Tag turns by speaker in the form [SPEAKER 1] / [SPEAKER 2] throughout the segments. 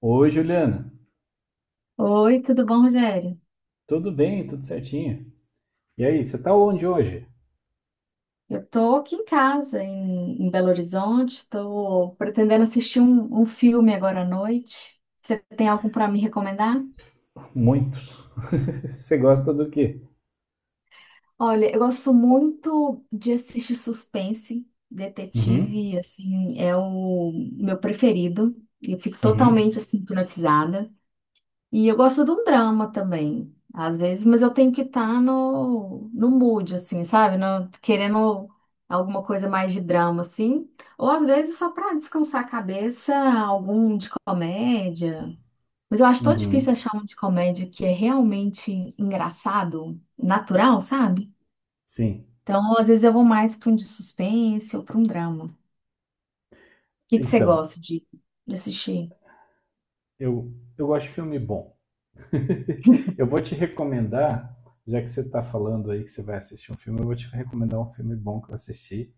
[SPEAKER 1] Oi, Juliana.
[SPEAKER 2] Oi, tudo bom, Rogério?
[SPEAKER 1] Tudo bem? Tudo certinho? E aí, você tá onde hoje?
[SPEAKER 2] Eu tô aqui em casa, em Belo Horizonte, tô pretendendo assistir um filme agora à noite. Você tem algum para me recomendar?
[SPEAKER 1] Muito. Você gosta do quê?
[SPEAKER 2] Olha, eu gosto muito de assistir suspense,
[SPEAKER 1] Uhum,
[SPEAKER 2] detetive, assim, é o meu preferido. Eu fico
[SPEAKER 1] uhum,
[SPEAKER 2] totalmente, assim, hipnotizada. E eu gosto de um drama também, às vezes, mas eu tenho que estar no mood, assim, sabe? Querendo alguma coisa mais de drama, assim. Ou às vezes só para descansar a cabeça, algum de comédia. Mas eu acho tão difícil
[SPEAKER 1] uhum.
[SPEAKER 2] achar um de comédia que é realmente engraçado, natural, sabe?
[SPEAKER 1] Sim.
[SPEAKER 2] Então, às vezes eu vou mais para um de suspense ou para um drama. O que que você
[SPEAKER 1] Então,
[SPEAKER 2] gosta de assistir?
[SPEAKER 1] eu, eu gosto de filme bom. Eu vou te recomendar, já que você tá falando aí que você vai assistir um filme, eu vou te recomendar um filme bom que eu assisti.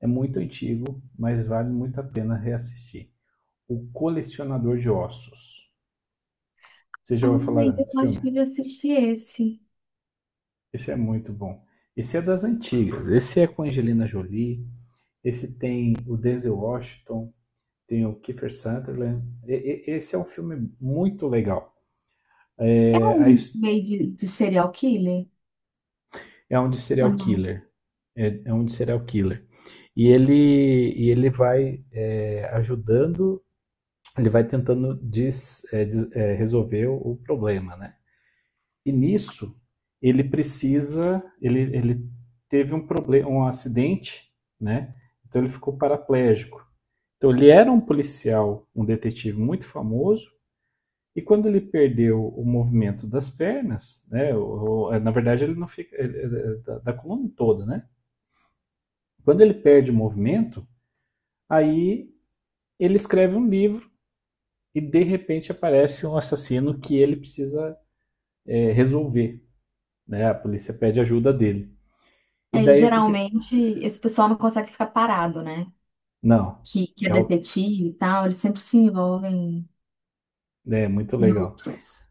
[SPEAKER 1] É muito antigo, mas vale muito a pena reassistir. O Colecionador de Ossos. Você já ouviu falar
[SPEAKER 2] Ai,
[SPEAKER 1] desse
[SPEAKER 2] eu
[SPEAKER 1] filme?
[SPEAKER 2] acho que eu já assisti esse.
[SPEAKER 1] Esse é muito bom. Esse é das antigas. Esse é com Angelina Jolie. Esse tem o Denzel Washington. Tem o Kiefer Sutherland. Esse é um filme muito legal.
[SPEAKER 2] É
[SPEAKER 1] É, a
[SPEAKER 2] um
[SPEAKER 1] his-
[SPEAKER 2] meio de serial killer
[SPEAKER 1] É um de
[SPEAKER 2] ou
[SPEAKER 1] serial
[SPEAKER 2] não?
[SPEAKER 1] killer. É um de serial killer. E ele vai ajudando, ele vai tentando resolver o problema, né? E nisso, ele teve um problema, um acidente, né? Então ele ficou paraplégico. Então ele era um policial, um detetive muito famoso, e quando ele perdeu o movimento das pernas, né? Na verdade ele não fica ele- da, da coluna toda, né? Quando ele perde o movimento, aí ele escreve um livro e de repente aparece um assassino que ele precisa resolver, né? A polícia pede ajuda dele. E
[SPEAKER 2] É,
[SPEAKER 1] daí o que-
[SPEAKER 2] geralmente esse pessoal não consegue ficar parado, né?
[SPEAKER 1] Não,
[SPEAKER 2] Que é
[SPEAKER 1] é o
[SPEAKER 2] detetive e tal, eles sempre se envolvem
[SPEAKER 1] é muito
[SPEAKER 2] em
[SPEAKER 1] legal.
[SPEAKER 2] outros.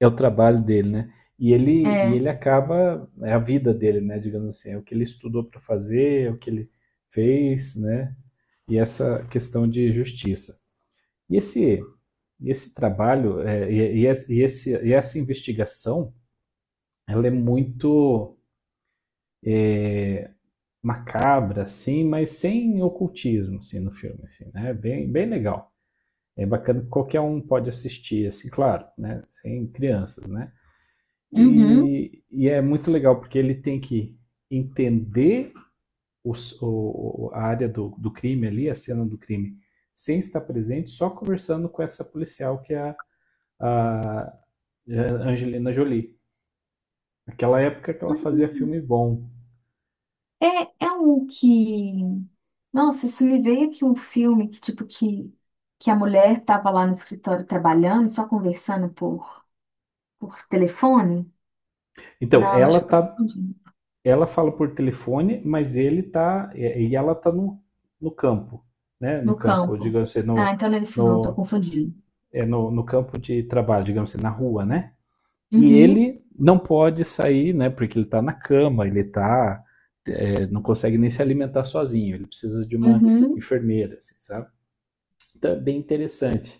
[SPEAKER 1] É o trabalho dele, né. E ele e
[SPEAKER 2] É,
[SPEAKER 1] ele acaba a vida dele, né, digamos assim, é o que ele estudou para fazer, é o que ele fez, né, e essa questão de justiça. E esse e esse trabalho, eh, e esse e esse e essa investigação, ela é muito macabra, assim, mas sem ocultismo, assim, no filme, assim, né, bem legal. É bacana que qualquer um pode assistir, assim, claro, né, sem crianças, né.
[SPEAKER 2] uhum.
[SPEAKER 1] E é muito legal, porque ele tem que entender a área do, do crime ali, a cena do crime, sem estar presente, só conversando com essa policial que é a Angelina Jolie. Naquela época que ela fazia filme bom.
[SPEAKER 2] É, é um que. Nossa, isso me veio aqui um filme que, tipo, que a mulher tava lá no escritório trabalhando, só conversando por telefone.
[SPEAKER 1] Então,
[SPEAKER 2] Não, eu acho que eu tô confundindo.
[SPEAKER 1] ela fala por telefone, mas ele tá, e ela tá no campo, né? No
[SPEAKER 2] No
[SPEAKER 1] campo,
[SPEAKER 2] campo.
[SPEAKER 1] digamos assim,
[SPEAKER 2] Ah, então não é isso não, eu tô
[SPEAKER 1] no,
[SPEAKER 2] confundindo.
[SPEAKER 1] no campo de trabalho, digamos assim, na rua, né? E
[SPEAKER 2] Uhum,
[SPEAKER 1] ele não pode sair, né? Porque ele está na cama, não consegue nem se alimentar sozinho. Ele precisa de uma
[SPEAKER 2] uhum.
[SPEAKER 1] enfermeira, assim, sabe? Então é bem interessante.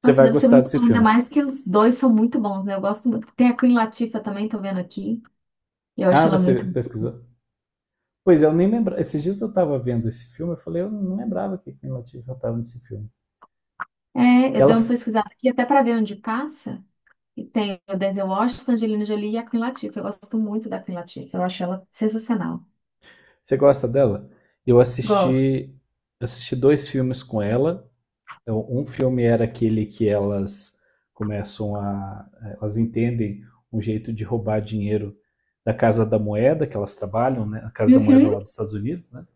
[SPEAKER 1] Você
[SPEAKER 2] Nossa,
[SPEAKER 1] vai
[SPEAKER 2] deve ser
[SPEAKER 1] gostar
[SPEAKER 2] muito
[SPEAKER 1] desse
[SPEAKER 2] bom, ainda
[SPEAKER 1] filme.
[SPEAKER 2] mais que os dois são muito bons, né? Eu gosto muito. Tem a Queen Latifah também, tô vendo aqui. Eu acho
[SPEAKER 1] Ah,
[SPEAKER 2] ela
[SPEAKER 1] você
[SPEAKER 2] muito.
[SPEAKER 1] pesquisou? Pois é, eu nem lembrava. Esses dias eu estava vendo esse filme, eu falei, eu não lembrava que Queen Latifah estava nesse filme.
[SPEAKER 2] É, eu
[SPEAKER 1] Ela,
[SPEAKER 2] dei uma pesquisada aqui até para ver onde passa. E tem o Denzel Washington, Angelina Jolie e a Queen Latifah. Eu gosto muito da Queen Latifah. Eu acho ela sensacional.
[SPEAKER 1] você gosta dela? Eu
[SPEAKER 2] Gosto.
[SPEAKER 1] assisti, Assisti dois filmes com ela. Então, um filme era aquele que elas começam a. eh, elas entendem um jeito de roubar dinheiro da Casa da Moeda, que elas trabalham, né? A Casa da Moeda
[SPEAKER 2] Uhum,
[SPEAKER 1] lá dos Estados Unidos, né?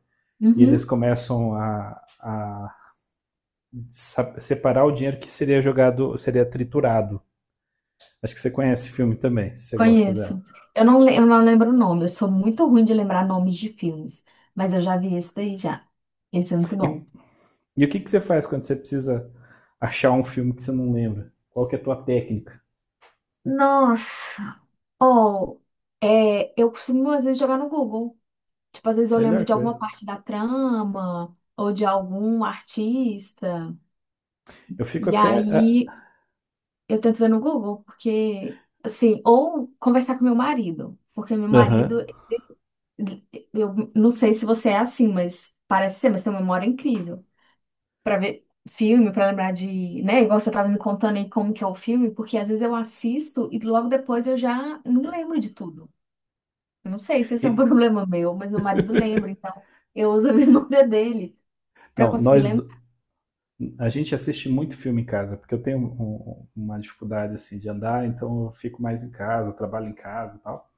[SPEAKER 1] E eles
[SPEAKER 2] uhum,
[SPEAKER 1] começam a separar o dinheiro que seria jogado, seria triturado. Acho que você conhece o filme também, se você gosta
[SPEAKER 2] conheço.
[SPEAKER 1] dela.
[SPEAKER 2] Eu não lembro o nome. Eu sou muito ruim de lembrar nomes de filmes. Mas eu já vi esse daí já. Esse é muito
[SPEAKER 1] E,
[SPEAKER 2] bom.
[SPEAKER 1] e o que você faz quando você precisa achar um filme que você não lembra? Qual que é a tua técnica?
[SPEAKER 2] Nossa. Oh, é, eu costumo às vezes jogar no Google. Tipo, às vezes eu lembro
[SPEAKER 1] Melhor
[SPEAKER 2] de alguma
[SPEAKER 1] coisa.
[SPEAKER 2] parte da trama ou de algum artista,
[SPEAKER 1] Eu fico
[SPEAKER 2] e
[SPEAKER 1] até. Ah,
[SPEAKER 2] aí eu tento ver no Google, porque, assim, ou conversar com meu marido, porque meu
[SPEAKER 1] Aham.
[SPEAKER 2] marido,
[SPEAKER 1] Uh-huh.
[SPEAKER 2] eu não sei se você é assim, mas parece ser, mas tem uma memória incrível. Pra ver filme, pra lembrar de, né, igual você tava me contando aí como que é o filme, porque às vezes eu assisto e logo depois eu já não lembro de tudo. Eu não sei se esse
[SPEAKER 1] E,
[SPEAKER 2] é um problema meu, mas meu marido lembra, então eu uso a memória dele. Pra
[SPEAKER 1] não,
[SPEAKER 2] conseguir
[SPEAKER 1] nós,
[SPEAKER 2] lembrar.
[SPEAKER 1] A gente assiste muito filme em casa, porque eu tenho uma dificuldade assim de andar, então eu fico mais em casa, eu trabalho em casa e tal,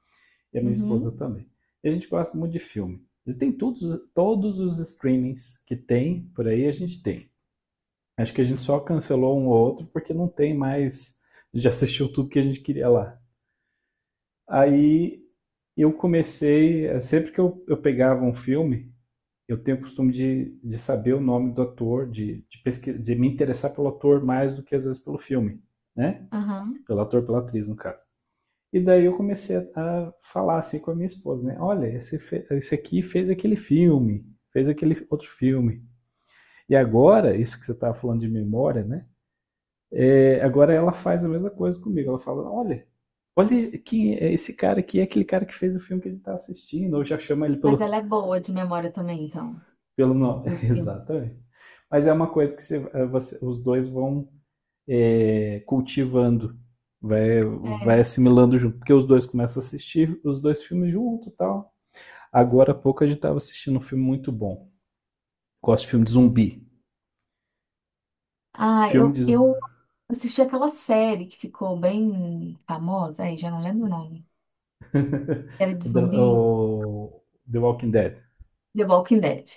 [SPEAKER 1] e a minha esposa
[SPEAKER 2] Uhum,
[SPEAKER 1] também. E a gente gosta muito de filme. E tem todos os streamings que tem por aí, a gente tem. Acho que a gente só cancelou um ou outro porque não tem mais. A gente já assistiu tudo que a gente queria lá. Aí sempre que eu pegava um filme, eu tenho o costume de saber o nome do ator, pesquisa, de me interessar pelo ator mais do que às vezes pelo filme, né?
[SPEAKER 2] aham.
[SPEAKER 1] Pelo ator, pela atriz, no caso. E daí a falar assim com a minha esposa, né? Olha, esse aqui fez aquele filme, fez aquele outro filme. E agora, isso que você estava falando de memória, né? É, agora ela faz a mesma coisa comigo. Ela fala, olha, olha quem é esse cara aqui, é aquele cara que fez o filme que a gente está assistindo, ou já chama ele
[SPEAKER 2] Mas ela é boa de memória também, então,
[SPEAKER 1] pelo nome.
[SPEAKER 2] dos filmes.
[SPEAKER 1] Exatamente. Mas é uma coisa que os dois vão cultivando, vai, vai
[SPEAKER 2] É.
[SPEAKER 1] assimilando junto, porque os dois começam a assistir os dois filmes junto e tal. Agora há pouco a gente estava assistindo um filme muito bom. Gosto de filme de zumbi.
[SPEAKER 2] Ah,
[SPEAKER 1] Filme
[SPEAKER 2] eu
[SPEAKER 1] de.
[SPEAKER 2] assisti aquela série que ficou bem famosa, aí já não lembro o nome. Era de zumbi,
[SPEAKER 1] O The Walking Dead.
[SPEAKER 2] The Walking Dead.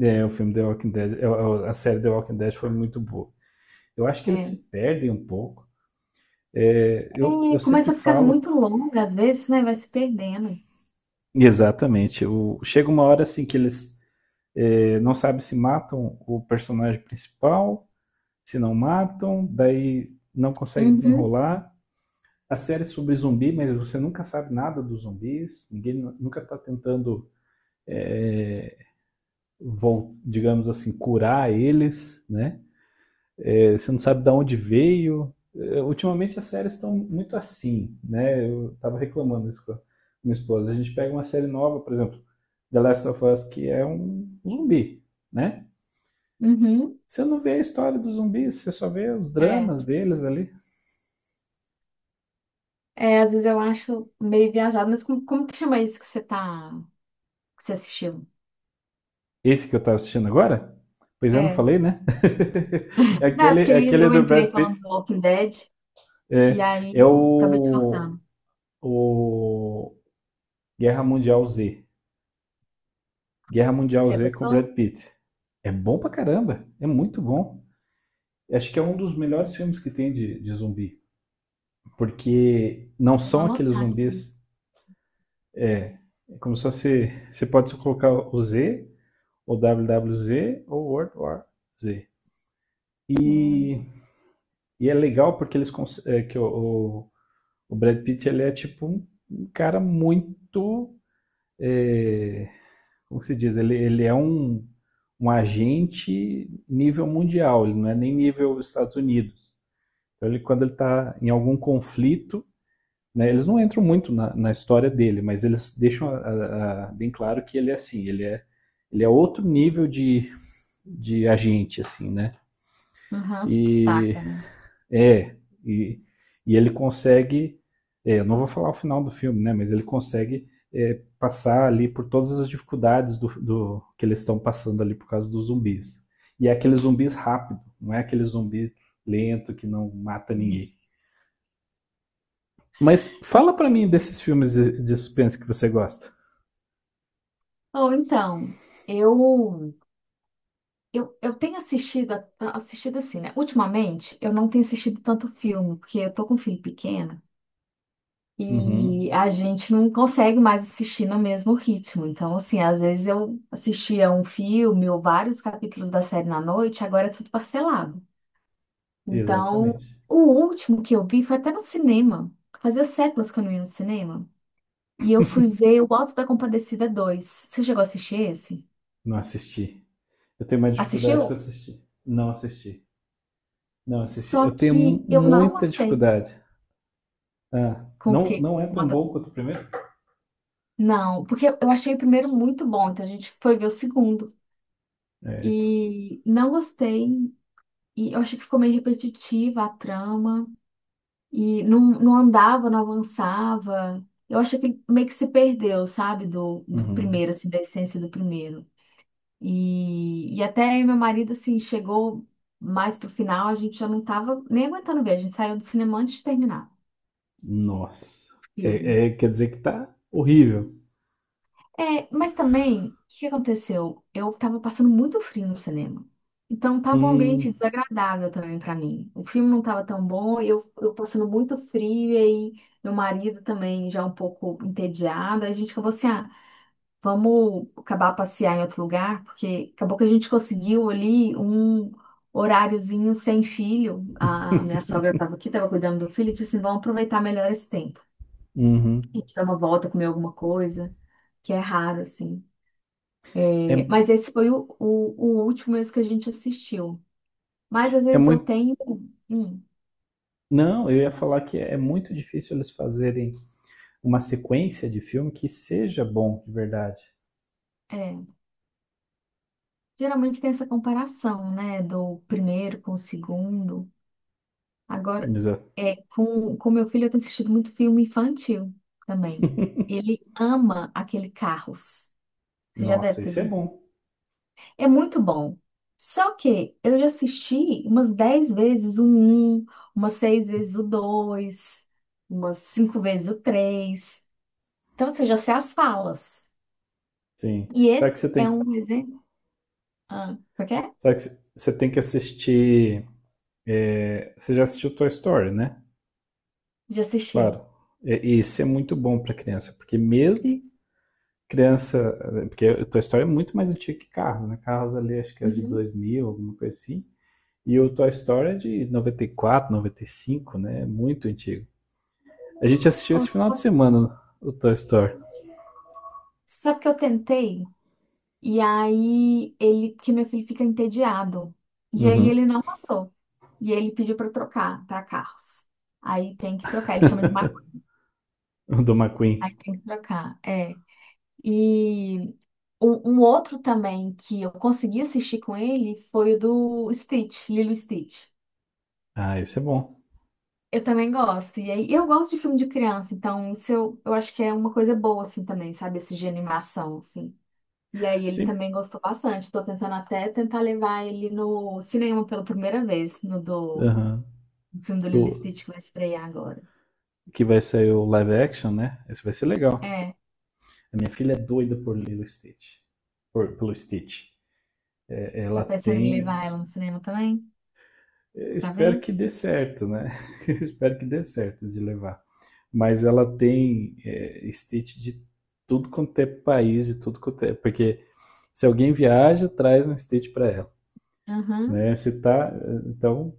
[SPEAKER 1] É, o filme The Walking Dead. É, é, A série The Walking Dead foi muito boa. Eu acho que eles
[SPEAKER 2] É.
[SPEAKER 1] se perdem um pouco. Eu
[SPEAKER 2] É,
[SPEAKER 1] sempre
[SPEAKER 2] começa ficando
[SPEAKER 1] falo
[SPEAKER 2] muito longa às vezes, né? Vai se perdendo.
[SPEAKER 1] exatamente. Chega uma hora assim que não sabem se matam o personagem principal, se não matam, daí não consegue
[SPEAKER 2] Uhum,
[SPEAKER 1] desenrolar. A série é sobre zumbi, mas você nunca sabe nada dos zumbis, nunca está tentando, digamos assim, curar eles, né? É, você não sabe de onde veio. É, ultimamente as séries estão muito assim, né? Eu estava reclamando isso com a minha esposa. A gente pega uma série nova, por exemplo, The Last of Us, que é um zumbi, né?
[SPEAKER 2] uhum.
[SPEAKER 1] Você não vê a história dos zumbis, você só vê os
[SPEAKER 2] É.
[SPEAKER 1] dramas deles ali.
[SPEAKER 2] É, às vezes eu acho meio viajado, mas como que chama isso que você assistiu?
[SPEAKER 1] Esse que eu estava assistindo agora? Pois é, não
[SPEAKER 2] É.
[SPEAKER 1] falei, né?
[SPEAKER 2] Não, é porque
[SPEAKER 1] É
[SPEAKER 2] aí
[SPEAKER 1] aquele
[SPEAKER 2] eu
[SPEAKER 1] do Brad
[SPEAKER 2] entrei falando
[SPEAKER 1] Pitt.
[SPEAKER 2] do Walking Dead e
[SPEAKER 1] É,
[SPEAKER 2] aí
[SPEAKER 1] é
[SPEAKER 2] acabei de
[SPEAKER 1] o,
[SPEAKER 2] cortar.
[SPEAKER 1] o Guerra Mundial Z. Guerra Mundial
[SPEAKER 2] Você
[SPEAKER 1] Z com o Brad
[SPEAKER 2] gostou?
[SPEAKER 1] Pitt. É bom pra caramba, é muito bom. Acho que é um dos melhores filmes que tem de zumbi, porque não
[SPEAKER 2] Eu vou
[SPEAKER 1] são aqueles
[SPEAKER 2] anotar aqui.
[SPEAKER 1] zumbis. É como se fosse, você pode só colocar o Z, ou WWZ, ou World War Z.
[SPEAKER 2] Um,
[SPEAKER 1] E, e é legal porque eles cons- é, que o, o Brad Pitt ele é tipo um cara muito, é, como se diz, ele é um agente nível mundial, ele não é nem nível Estados Unidos. Então, ele, quando ele está em algum conflito, né, eles não entram muito na história dele, mas eles deixam bem claro que ele é assim, ele é outro nível de agente, assim, né?
[SPEAKER 2] um ranço
[SPEAKER 1] E
[SPEAKER 2] destaca, né?
[SPEAKER 1] é, e, e ele consegue, é, eu não vou falar o final do filme, né? Mas ele consegue é, passar ali por todas as dificuldades do, do que eles estão passando ali por causa dos zumbis. E é aquele zumbis rápido, não é aquele zumbi lento que não mata ninguém. Mas
[SPEAKER 2] E,
[SPEAKER 1] fala pra mim desses filmes de suspense que você gosta.
[SPEAKER 2] ou então, eu, eu tenho assistido, assistido assim, né? Ultimamente, eu não tenho assistido tanto filme, porque eu tô com um filho pequeno e
[SPEAKER 1] Uhum,
[SPEAKER 2] a gente não consegue mais assistir no mesmo ritmo. Então, assim, às vezes eu assistia um filme ou vários capítulos da série na noite, agora é tudo parcelado. Então,
[SPEAKER 1] exatamente.
[SPEAKER 2] o último que eu vi foi até no cinema. Fazia séculos que eu não ia no cinema. E eu fui ver o Alto da Compadecida dois. Você chegou a assistir esse?
[SPEAKER 1] Não assisti. Eu tenho uma dificuldade com
[SPEAKER 2] Assistiu?
[SPEAKER 1] assistir. Não assisti. Não assisti. Eu
[SPEAKER 2] Só
[SPEAKER 1] tenho
[SPEAKER 2] que eu não
[SPEAKER 1] muita
[SPEAKER 2] gostei.
[SPEAKER 1] dificuldade. Ah,
[SPEAKER 2] Com o
[SPEAKER 1] não,
[SPEAKER 2] quê?
[SPEAKER 1] não é tão bom quanto o primeiro?
[SPEAKER 2] Não, porque eu achei o primeiro muito bom, então a gente foi ver o segundo.
[SPEAKER 1] É.
[SPEAKER 2] E não gostei. E eu achei que ficou meio repetitiva a trama. E não andava, não avançava. Eu achei que ele meio que se perdeu, sabe? Do
[SPEAKER 1] Uhum.
[SPEAKER 2] primeiro, assim, da essência do primeiro. E até eu e meu marido, assim, chegou mais pro final, a gente já não tava nem aguentando ver, a gente saiu do cinema antes de terminar
[SPEAKER 1] Nossa.
[SPEAKER 2] o filme.
[SPEAKER 1] É, é, quer dizer que tá horrível.
[SPEAKER 2] É, mas também, o que aconteceu? Eu tava passando muito frio no cinema. Então tava um ambiente
[SPEAKER 1] Hum.
[SPEAKER 2] desagradável também pra mim. O filme não tava tão bom, eu passando muito frio, e aí meu marido também já um pouco entediado, a gente acabou assim, ah, vamos acabar passear em outro lugar, porque acabou que a gente conseguiu ali um horáriozinho sem filho. A minha sogra estava aqui, estava cuidando do filho, e disse assim, vamos aproveitar melhor esse tempo.
[SPEAKER 1] Uhum.
[SPEAKER 2] A gente dá uma volta, comer alguma coisa, que é raro, assim.
[SPEAKER 1] É,
[SPEAKER 2] É, mas esse foi o último mesmo que a gente assistiu. Mas às
[SPEAKER 1] é
[SPEAKER 2] vezes eu
[SPEAKER 1] muito.
[SPEAKER 2] tenho. hum,
[SPEAKER 1] Não, eu ia falar que é muito difícil eles fazerem uma sequência de filme que seja bom de verdade.
[SPEAKER 2] É, geralmente tem essa comparação, né? Do primeiro com o segundo. Agora,
[SPEAKER 1] Exato.
[SPEAKER 2] com meu filho eu tenho assistido muito filme infantil também. Ele ama aquele Carros. Você já deve
[SPEAKER 1] Nossa,
[SPEAKER 2] ter
[SPEAKER 1] isso é
[SPEAKER 2] visto.
[SPEAKER 1] bom.
[SPEAKER 2] É muito bom. Só que eu já assisti umas 10 vezes o um, umas 6 vezes o dois, umas 5 vezes o três. Então, você já sei as falas.
[SPEAKER 1] Sim.
[SPEAKER 2] E esse é um exemplo. Ah, por quê?
[SPEAKER 1] Será que você tem que assistir? É, você já assistiu Toy Story, né?
[SPEAKER 2] De assistir.
[SPEAKER 1] Claro. E, esse é muito bom para criança, porque criança, porque o Toy Story é muito mais antigo que Carros, né? Carros ali acho que é de
[SPEAKER 2] Uhum.
[SPEAKER 1] 2000, alguma coisa assim. E o Toy Story é de 94, 95 né? É muito antigo. A gente assistiu
[SPEAKER 2] Ou-
[SPEAKER 1] esse final de
[SPEAKER 2] Sabe
[SPEAKER 1] semana o Toy Story.
[SPEAKER 2] sabe que eu tentei? E aí ele, porque meu filho fica entediado. E aí
[SPEAKER 1] Uhum.
[SPEAKER 2] ele não gostou. E aí ele pediu para trocar para carros. Aí tem que trocar, ele chama de macaco.
[SPEAKER 1] O do McQueen.
[SPEAKER 2] Aí tem que trocar, é. E um outro também que eu consegui assistir com ele foi o do Stitch, Lilo e Stitch.
[SPEAKER 1] Ah, isso é bom.
[SPEAKER 2] Eu também gosto. E aí eu gosto de filme de criança, então isso eu acho que é uma coisa boa assim também, sabe? Esse de animação assim. E aí ele
[SPEAKER 1] Sim.
[SPEAKER 2] também gostou bastante. Estou tentando até tentar levar ele no cinema pela primeira vez,
[SPEAKER 1] Aham.
[SPEAKER 2] no filme do Lilo e
[SPEAKER 1] Do,
[SPEAKER 2] Stitch que vai estrear agora.
[SPEAKER 1] que vai sair o live action, né? Esse vai ser legal.
[SPEAKER 2] É,
[SPEAKER 1] A minha filha é doida por ler Stitch. Por, pelo Stitch. É,
[SPEAKER 2] tá
[SPEAKER 1] ela
[SPEAKER 2] pensando em levar
[SPEAKER 1] tem.
[SPEAKER 2] ela no cinema também?
[SPEAKER 1] Eu
[SPEAKER 2] Pra
[SPEAKER 1] espero
[SPEAKER 2] ver?
[SPEAKER 1] que dê certo, né? Eu espero que dê certo de levar. Mas ela tem é, Stitch de tudo quanto é país, de tudo quanto é. Porque se alguém viaja, traz um Stitch para ela.
[SPEAKER 2] Aham.
[SPEAKER 1] Né? Se tá. Então,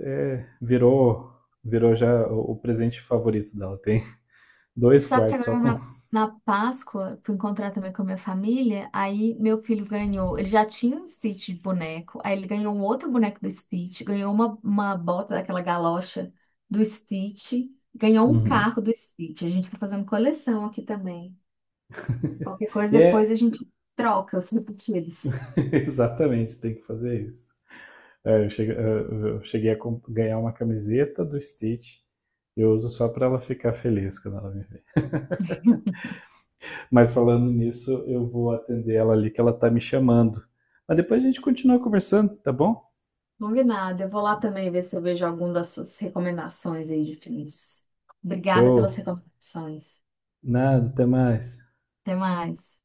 [SPEAKER 1] é, virou já o presente favorito dela. Tem dois
[SPEAKER 2] Só que
[SPEAKER 1] quartos só
[SPEAKER 2] agora
[SPEAKER 1] com.
[SPEAKER 2] na Páscoa, fui encontrar também com a minha família, aí meu filho ganhou, ele já tinha um Stitch de boneco, aí ele ganhou um outro boneco do Stitch, ganhou uma bota daquela galocha do Stitch, ganhou um
[SPEAKER 1] Uhum.
[SPEAKER 2] carro do Stitch. A gente tá fazendo coleção aqui também. Qualquer coisa,
[SPEAKER 1] E
[SPEAKER 2] depois a
[SPEAKER 1] é,
[SPEAKER 2] gente troca os repetidos.
[SPEAKER 1] exatamente, tem que fazer isso. É, cheguei a ganhar uma camiseta do Stitch. Eu uso só pra ela ficar feliz quando ela me vê. Mas falando nisso, eu vou atender ela ali que ela tá me chamando. Mas depois a gente continua conversando, tá bom?
[SPEAKER 2] Combinado. Eu vou lá também ver se eu vejo algum das suas recomendações aí de filmes. Obrigada pelas
[SPEAKER 1] Show.
[SPEAKER 2] recomendações.
[SPEAKER 1] Nada, até mais.
[SPEAKER 2] Até mais.